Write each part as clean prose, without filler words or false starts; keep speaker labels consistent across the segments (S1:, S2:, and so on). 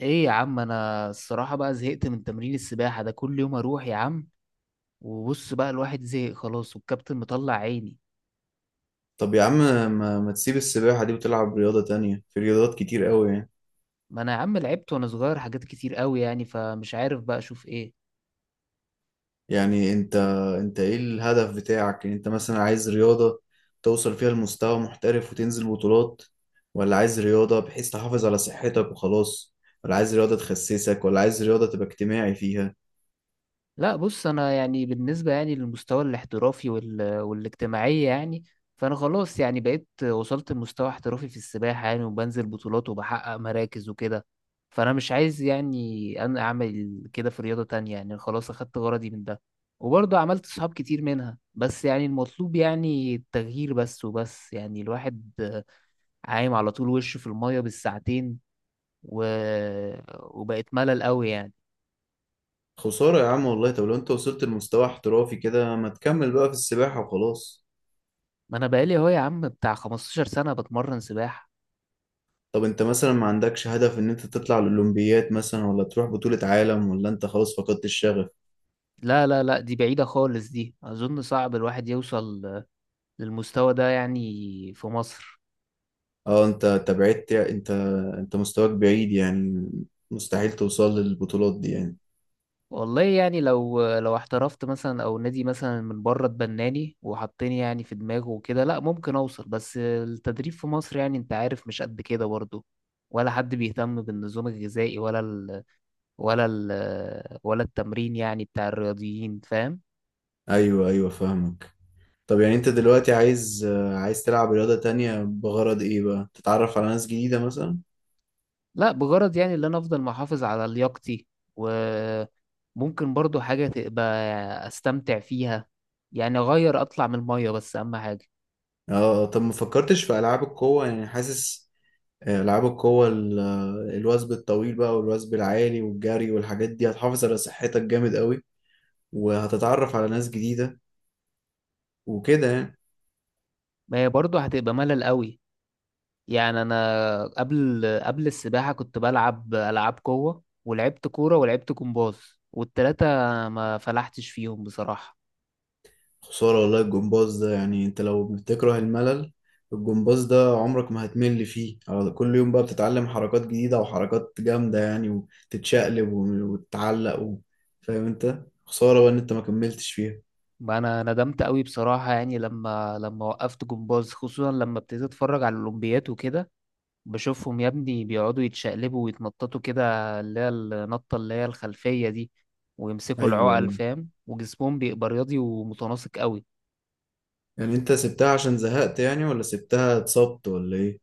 S1: ايه يا عم، انا الصراحة بقى زهقت من تمرين السباحة ده. كل يوم اروح يا عم وبص بقى الواحد زهق خلاص والكابتن مطلع عيني.
S2: طب يا عم، ما تسيب السباحة دي وتلعب رياضة تانية؟ في رياضات كتير قوي يعني.
S1: ما انا يا عم لعبت وانا صغير حاجات كتير قوي يعني، فمش عارف بقى اشوف ايه.
S2: يعني انت ايه الهدف بتاعك؟ يعني انت مثلا عايز رياضة توصل فيها لمستوى محترف وتنزل بطولات، ولا عايز رياضة بحيث تحافظ على صحتك وخلاص، ولا عايز رياضة تخسسك، ولا عايز رياضة تبقى اجتماعي فيها؟
S1: لا بص، انا يعني بالنسبه يعني للمستوى الاحترافي والاجتماعيه يعني. فانا خلاص يعني بقيت وصلت لمستوى احترافي في السباحه يعني، وبنزل بطولات وبحقق مراكز وكده. فانا مش عايز يعني انا اعمل كده في رياضه تانية يعني، خلاص اخدت غرضي من ده. وبرضه عملت صحاب كتير منها، بس يعني المطلوب يعني التغيير، بس وبس. يعني الواحد عايم على طول وشه في الميه بالساعتين و... وبقت ملل قوي يعني.
S2: خسارة يا عم والله. طب لو انت وصلت لمستوى احترافي كده، ما تكمل بقى في السباحة وخلاص.
S1: ما انا بقالي اهو يا عم بتاع 15 سنة بتمرن سباحة.
S2: طب انت مثلا ما عندكش هدف ان انت تطلع الأولمبيات مثلا، ولا تروح بطولة عالم، ولا انت خلاص فقدت الشغف؟
S1: لا لا لا، دي بعيدة خالص، دي اظن صعب الواحد يوصل للمستوى ده يعني في مصر.
S2: اه، انت بعدت، انت مستواك بعيد يعني، مستحيل توصل للبطولات دي يعني.
S1: والله يعني لو احترفت مثلا او نادي مثلا من بره اتبناني وحطني يعني في دماغه وكده، لا ممكن اوصل، بس التدريب في مصر يعني انت عارف مش قد كده برضه. ولا حد بيهتم بالنظام الغذائي ولا التمرين يعني بتاع الرياضيين فاهم.
S2: ايوه، ايوه، فاهمك. طب يعني انت دلوقتي عايز، عايز تلعب رياضة تانية بغرض ايه بقى؟ تتعرف على ناس جديدة مثلا؟
S1: لا بغرض يعني اللي انا افضل محافظ على لياقتي، وممكن برضو حاجة تبقى استمتع فيها، يعني اغير اطلع من المية بس اهم حاجة.
S2: اه، اه. طب ما فكرتش في العاب القوة؟ يعني حاسس، العاب القوة، الوثب الطويل بقى، والوثب العالي، والجري، والحاجات دي هتحافظ على صحتك جامد قوي، وهتتعرف على ناس جديدة، وكده يعني.
S1: ما هي برضو هتبقى ملل قوي يعني. انا قبل السباحة كنت بلعب العاب قوة ولعبت كورة ولعبت جمباز، والتلاتة ما فلحتش فيهم بصراحة.
S2: خسارة والله! الجمباز ده يعني، انت لو بتكره الملل، الجمباز ده عمرك ما هتمل فيه. كل يوم بقى بتتعلم حركات جديدة وحركات جامدة يعني، وتتشقلب، وتتعلق، فاهم انت. خسارة بقى ان انت ما كملتش فيها.
S1: ما انا ندمت قوي بصراحة، يعني لما وقفت جمباز خصوصا لما ابتديت اتفرج على الاولمبيات وكده. بشوفهم يا ابني بيقعدوا يتشقلبوا ويتنططوا كده، اللي هي النطة اللي هي الخلفية دي، ويمسكوا
S2: ايوه،
S1: العقل
S2: ايوه.
S1: فاهم، وجسمهم بيبقى رياضي ومتناسق قوي.
S2: يعني انت سبتها عشان زهقت، يعني ولا سبتها اتصبت ولا ايه؟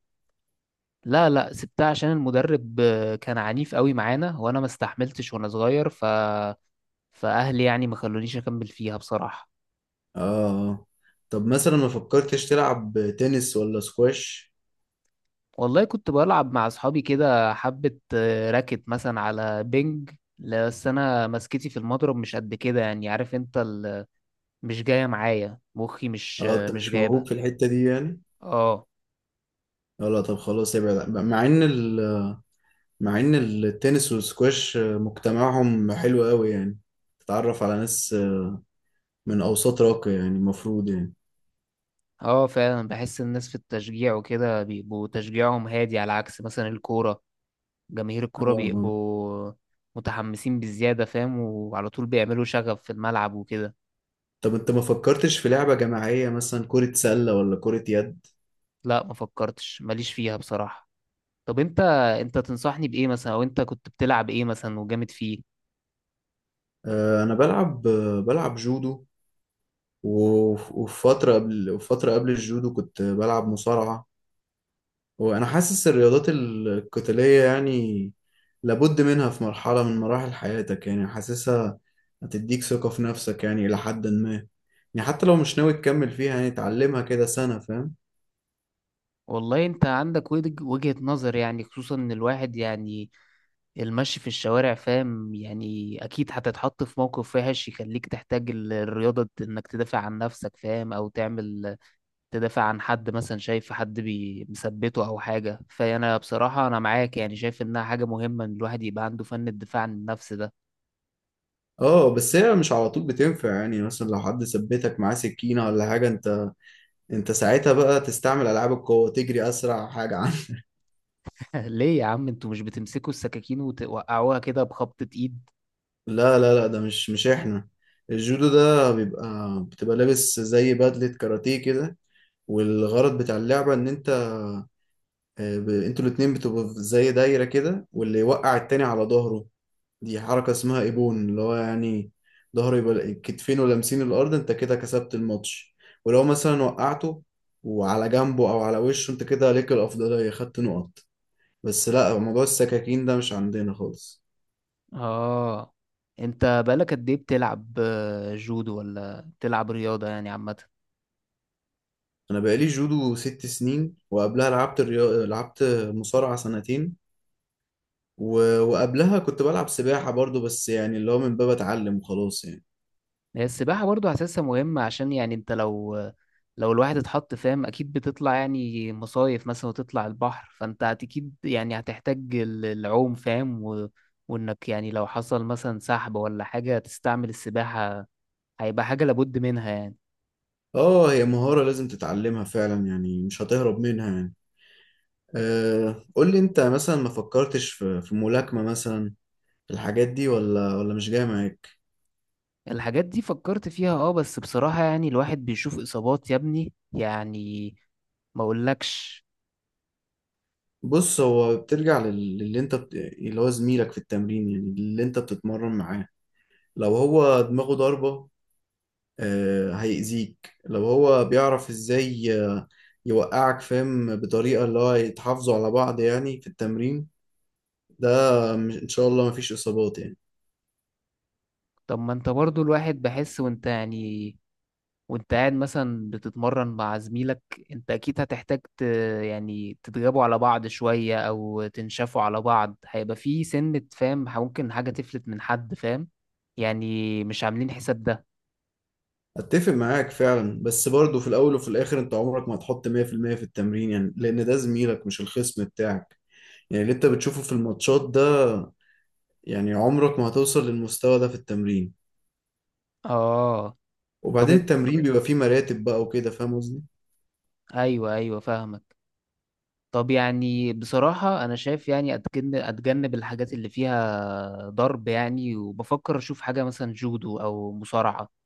S1: لا لا، سبتها عشان المدرب كان عنيف قوي معانا، وانا ما استحملتش وانا صغير، فاهلي يعني ما خلونيش اكمل فيها بصراحة.
S2: اه، اه. طب مثلا ما فكرتش تلعب تنس ولا سكواش؟
S1: والله كنت بلعب مع اصحابي كده حبة راكت مثلا على بينج. لا، بس انا مسكتي في المضرب مش قد كده، يعني عارف انت مش جاية معايا مخي، مش
S2: اه،
S1: آه،
S2: انت
S1: مش
S2: مش
S1: جايبها.
S2: موهوب في الحتة دي يعني.
S1: اه
S2: اه، لا. طب خلاص ابعد، مع ان، مع ان التنس والسكواش مجتمعهم حلو قوي يعني، تتعرف على ناس من اوساط راقية يعني، المفروض يعني.
S1: اه فعلا، بحس الناس في التشجيع وكده بيبقوا تشجيعهم هادي، على عكس مثلا الكورة، جماهير
S2: اه.
S1: الكورة
S2: آه.
S1: بيبقوا متحمسين بزيادة فاهم، وعلى طول بيعملوا شغب في الملعب وكده.
S2: طب انت ما فكرتش في لعبة جماعية مثلا، كرة سلة ولا كرة يد؟
S1: لا ما فكرتش، ماليش فيها بصراحة. طب انت تنصحني بإيه مثلا، او انت كنت بتلعب إيه مثلا وجامد فيه؟
S2: آه، انا بلعب، بلعب جودو. و- وفي فترة قبل، وفترة قبل الجودو كنت بلعب مصارعة. وانا حاسس الرياضات القتالية يعني لابد منها في مرحلة من مراحل حياتك يعني، حاسسها هتديك ثقة في نفسك يعني، إلى حد ما. يعني حتى لو مش ناوي تكمل فيها يعني، تعلمها كده سنة، فاهم.
S1: والله انت عندك وجهة نظر، يعني خصوصا ان الواحد يعني المشي في الشوارع فاهم، يعني اكيد هتتحط في موقف وحش يخليك تحتاج الرياضة انك تدافع عن نفسك فاهم، او تعمل تدافع عن حد مثلا شايف حد مثبته او حاجه، فانا بصراحه انا معاك يعني شايف انها حاجه مهمه ان الواحد يبقى عنده فن الدفاع عن النفس ده.
S2: اه، بس هي مش على طول بتنفع يعني. مثلا لو حد ثبتك معاه سكينة ولا حاجة، انت ساعتها بقى تستعمل ألعاب القوة، تجري أسرع حاجة عنه.
S1: ليه يا عم، انتوا مش بتمسكوا السكاكين وتوقعوها كده بخبطه ايد؟
S2: لا، لا، لا، ده مش احنا. الجودو ده بيبقى، بتبقى لابس زي بدلة كاراتيه كده. والغرض بتاع اللعبة إن أنت، انتوا الاتنين بتبقوا في زي دايرة كده، واللي يوقع التاني على ظهره، دي حركة اسمها ايبون، اللي هو يعني ظهره يبقى كتفينه لامسين الأرض، انت كده كسبت الماتش. ولو مثلا وقعته وعلى جنبه أو على وشه، انت كده ليك الأفضلية، خدت نقط. بس لا، موضوع السكاكين ده مش عندنا خالص.
S1: اه انت بقالك قد ايه بتلعب جودو، ولا بتلعب رياضه يعني عامه؟
S2: أنا بقالي جودو ست سنين، وقبلها لعبت لعبت مصارعة سنتين. وقبلها كنت بلعب سباحة برضو، بس يعني اللي هو من باب أتعلم وخلاص يعني.
S1: هي السباحة برضو حاسسها مهمة، عشان يعني انت لو الواحد اتحط فاهم اكيد بتطلع يعني مصايف مثلا وتطلع البحر، فانت اكيد يعني هتحتاج العوم فاهم وانك يعني لو حصل مثلا سحب ولا حاجة تستعمل السباحة، هيبقى حاجة لابد منها يعني.
S2: اه، هي مهارة لازم تتعلمها فعلا يعني، مش هتهرب منها يعني. أه، قول لي انت مثلا ما فكرتش في ملاكمة مثلا؟ الحاجات دي، ولا مش جاية معاك؟
S1: الحاجات دي فكرت فيها اه، بس بصراحة يعني الواحد بيشوف اصابات يا ابني يعني، ما اقولكش.
S2: بص، هو بترجع للي انت، اللي هو زميلك في التمرين يعني، اللي انت بتتمرن معاه. لو هو دماغه ضاربة، أه هيأذيك. لو هو بيعرف ازاي، يوقعك فاهم بطريقة، اللي هو يتحافظوا على بعض يعني في التمرين ده. ان شاء الله مفيش اصابات يعني.
S1: طب ما انت برضو الواحد بحس وانت يعني وانت قاعد مثلا بتتمرن مع زميلك، انت اكيد هتحتاج يعني تتغابوا على بعض شوية او تنشفوا على بعض، هيبقى في سنة فاهم ممكن حاجة تفلت من حد فاهم، يعني مش عاملين حساب ده.
S2: اتفق معاك فعلا، بس برضه في الاول وفي الاخر انت عمرك ما هتحط 100% في المية في التمرين يعني، لان ده زميلك مش الخصم بتاعك. يعني اللي انت بتشوفه في الماتشات ده، يعني عمرك ما هتوصل للمستوى ده في التمرين.
S1: اه. طب
S2: وبعدين
S1: انت.
S2: التمرين بيبقى فيه مراتب بقى وكده، فاهم قصدي.
S1: ايوه ايوه فاهمك. طب يعني بصراحة انا شايف يعني اتجنب الحاجات اللي فيها ضرب يعني، وبفكر اشوف حاجة مثلا جودو او مصارعة.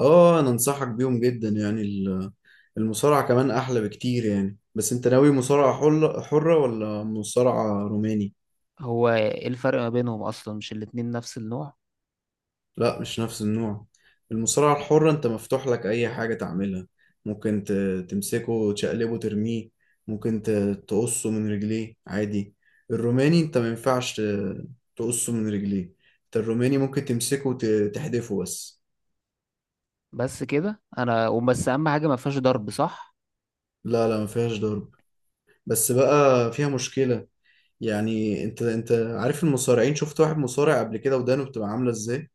S2: اه، انا انصحك بيهم جدا يعني. المصارعة كمان احلى بكتير يعني. بس انت ناوي مصارعة حرة ولا مصارعة روماني؟
S1: هو ايه الفرق ما بينهم اصلا، مش الاتنين نفس النوع؟
S2: لا، مش نفس النوع. المصارعة الحرة انت مفتوح لك اي حاجة تعملها. ممكن تمسكه وتشقلبه ترميه. ممكن تقصه من رجليه عادي. الروماني انت ما ينفعش تقصه من رجليه. انت الروماني ممكن تمسكه وتحدفه بس.
S1: بس كده انا، وبس اهم حاجه ما فيهاش ضرب صح.
S2: لا، لا، ما فيهاش ضرب. بس بقى فيها مشكلة. يعني انت عارف المصارعين؟ شفت واحد مصارع قبل كده، ودانه بتبقى عاملة ازاي؟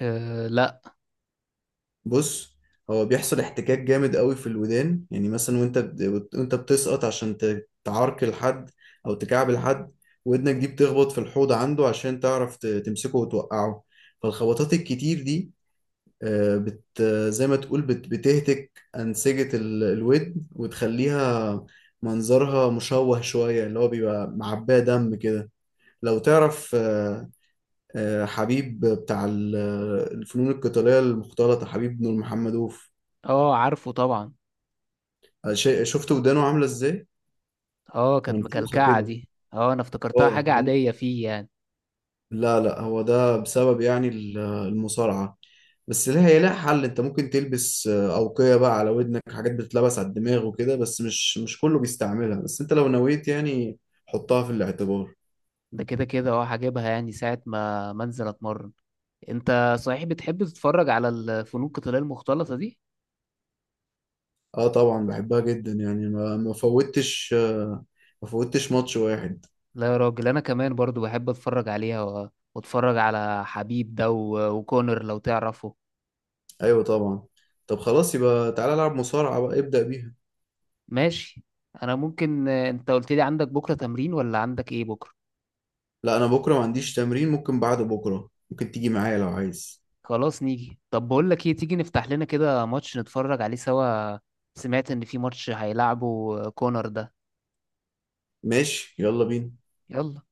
S1: آه لا.
S2: بص، هو بيحصل احتكاك جامد قوي في الودان يعني. مثلا وانت وانت بتسقط عشان تعركل حد او تكعبل حد، ودنك دي بتخبط في الحوض عنده عشان تعرف تمسكه وتوقعه. فالخبطات الكتير دي، آه، بت زي ما تقول، بت بتهتك أنسجة، الودن، وتخليها منظرها مشوه شوية، اللي هو بيبقى معباه دم كده. لو تعرف، حبيب بتاع، الفنون القتالية المختلطة، حبيب بن محمد أوف،
S1: اه عارفه طبعا.
S2: شيء، شفت ودانه عامله ازاي؟
S1: اه كانت
S2: منفوخه
S1: مكلكعه
S2: كده.
S1: دي، اه انا افتكرتها
S2: اه
S1: حاجه عاديه فيه يعني.
S2: لا، لا، هو ده بسبب يعني المصارعه. بس لها، هي لها حل. انت ممكن تلبس، اوقيه بقى على ودنك، حاجات بتتلبس على الدماغ وكده، بس مش كله بيستعملها. بس انت لو نويت يعني، حطها في الاعتبار.
S1: ده كده كده اه، هجيبها يعني ساعه ما منزل اتمرن. انت صحيح بتحب تتفرج على الفنون القتاليه المختلطه دي؟
S2: اه طبعا بحبها جدا يعني، ما فوتش، ما فوتش ماتش واحد.
S1: لا يا راجل، انا كمان برضو بحب اتفرج عليها واتفرج على حبيب ده وكونر لو تعرفه.
S2: ايوه طبعا. طب خلاص يبقى تعالى العب مصارعه بقى، ابدأ بيها.
S1: ماشي. انا ممكن انت قلت لي عندك بكره تمرين ولا عندك ايه بكره؟
S2: لا، انا بكره ما عنديش تمرين. ممكن بعد بكره، ممكن تيجي معايا لو عايز.
S1: خلاص نيجي، طب بقول لك ايه تيجي نفتح لنا كده ماتش نتفرج عليه سوا، سمعت ان في ماتش هيلعبه كونر ده.
S2: ماشي، يلا بينا.
S1: يلا.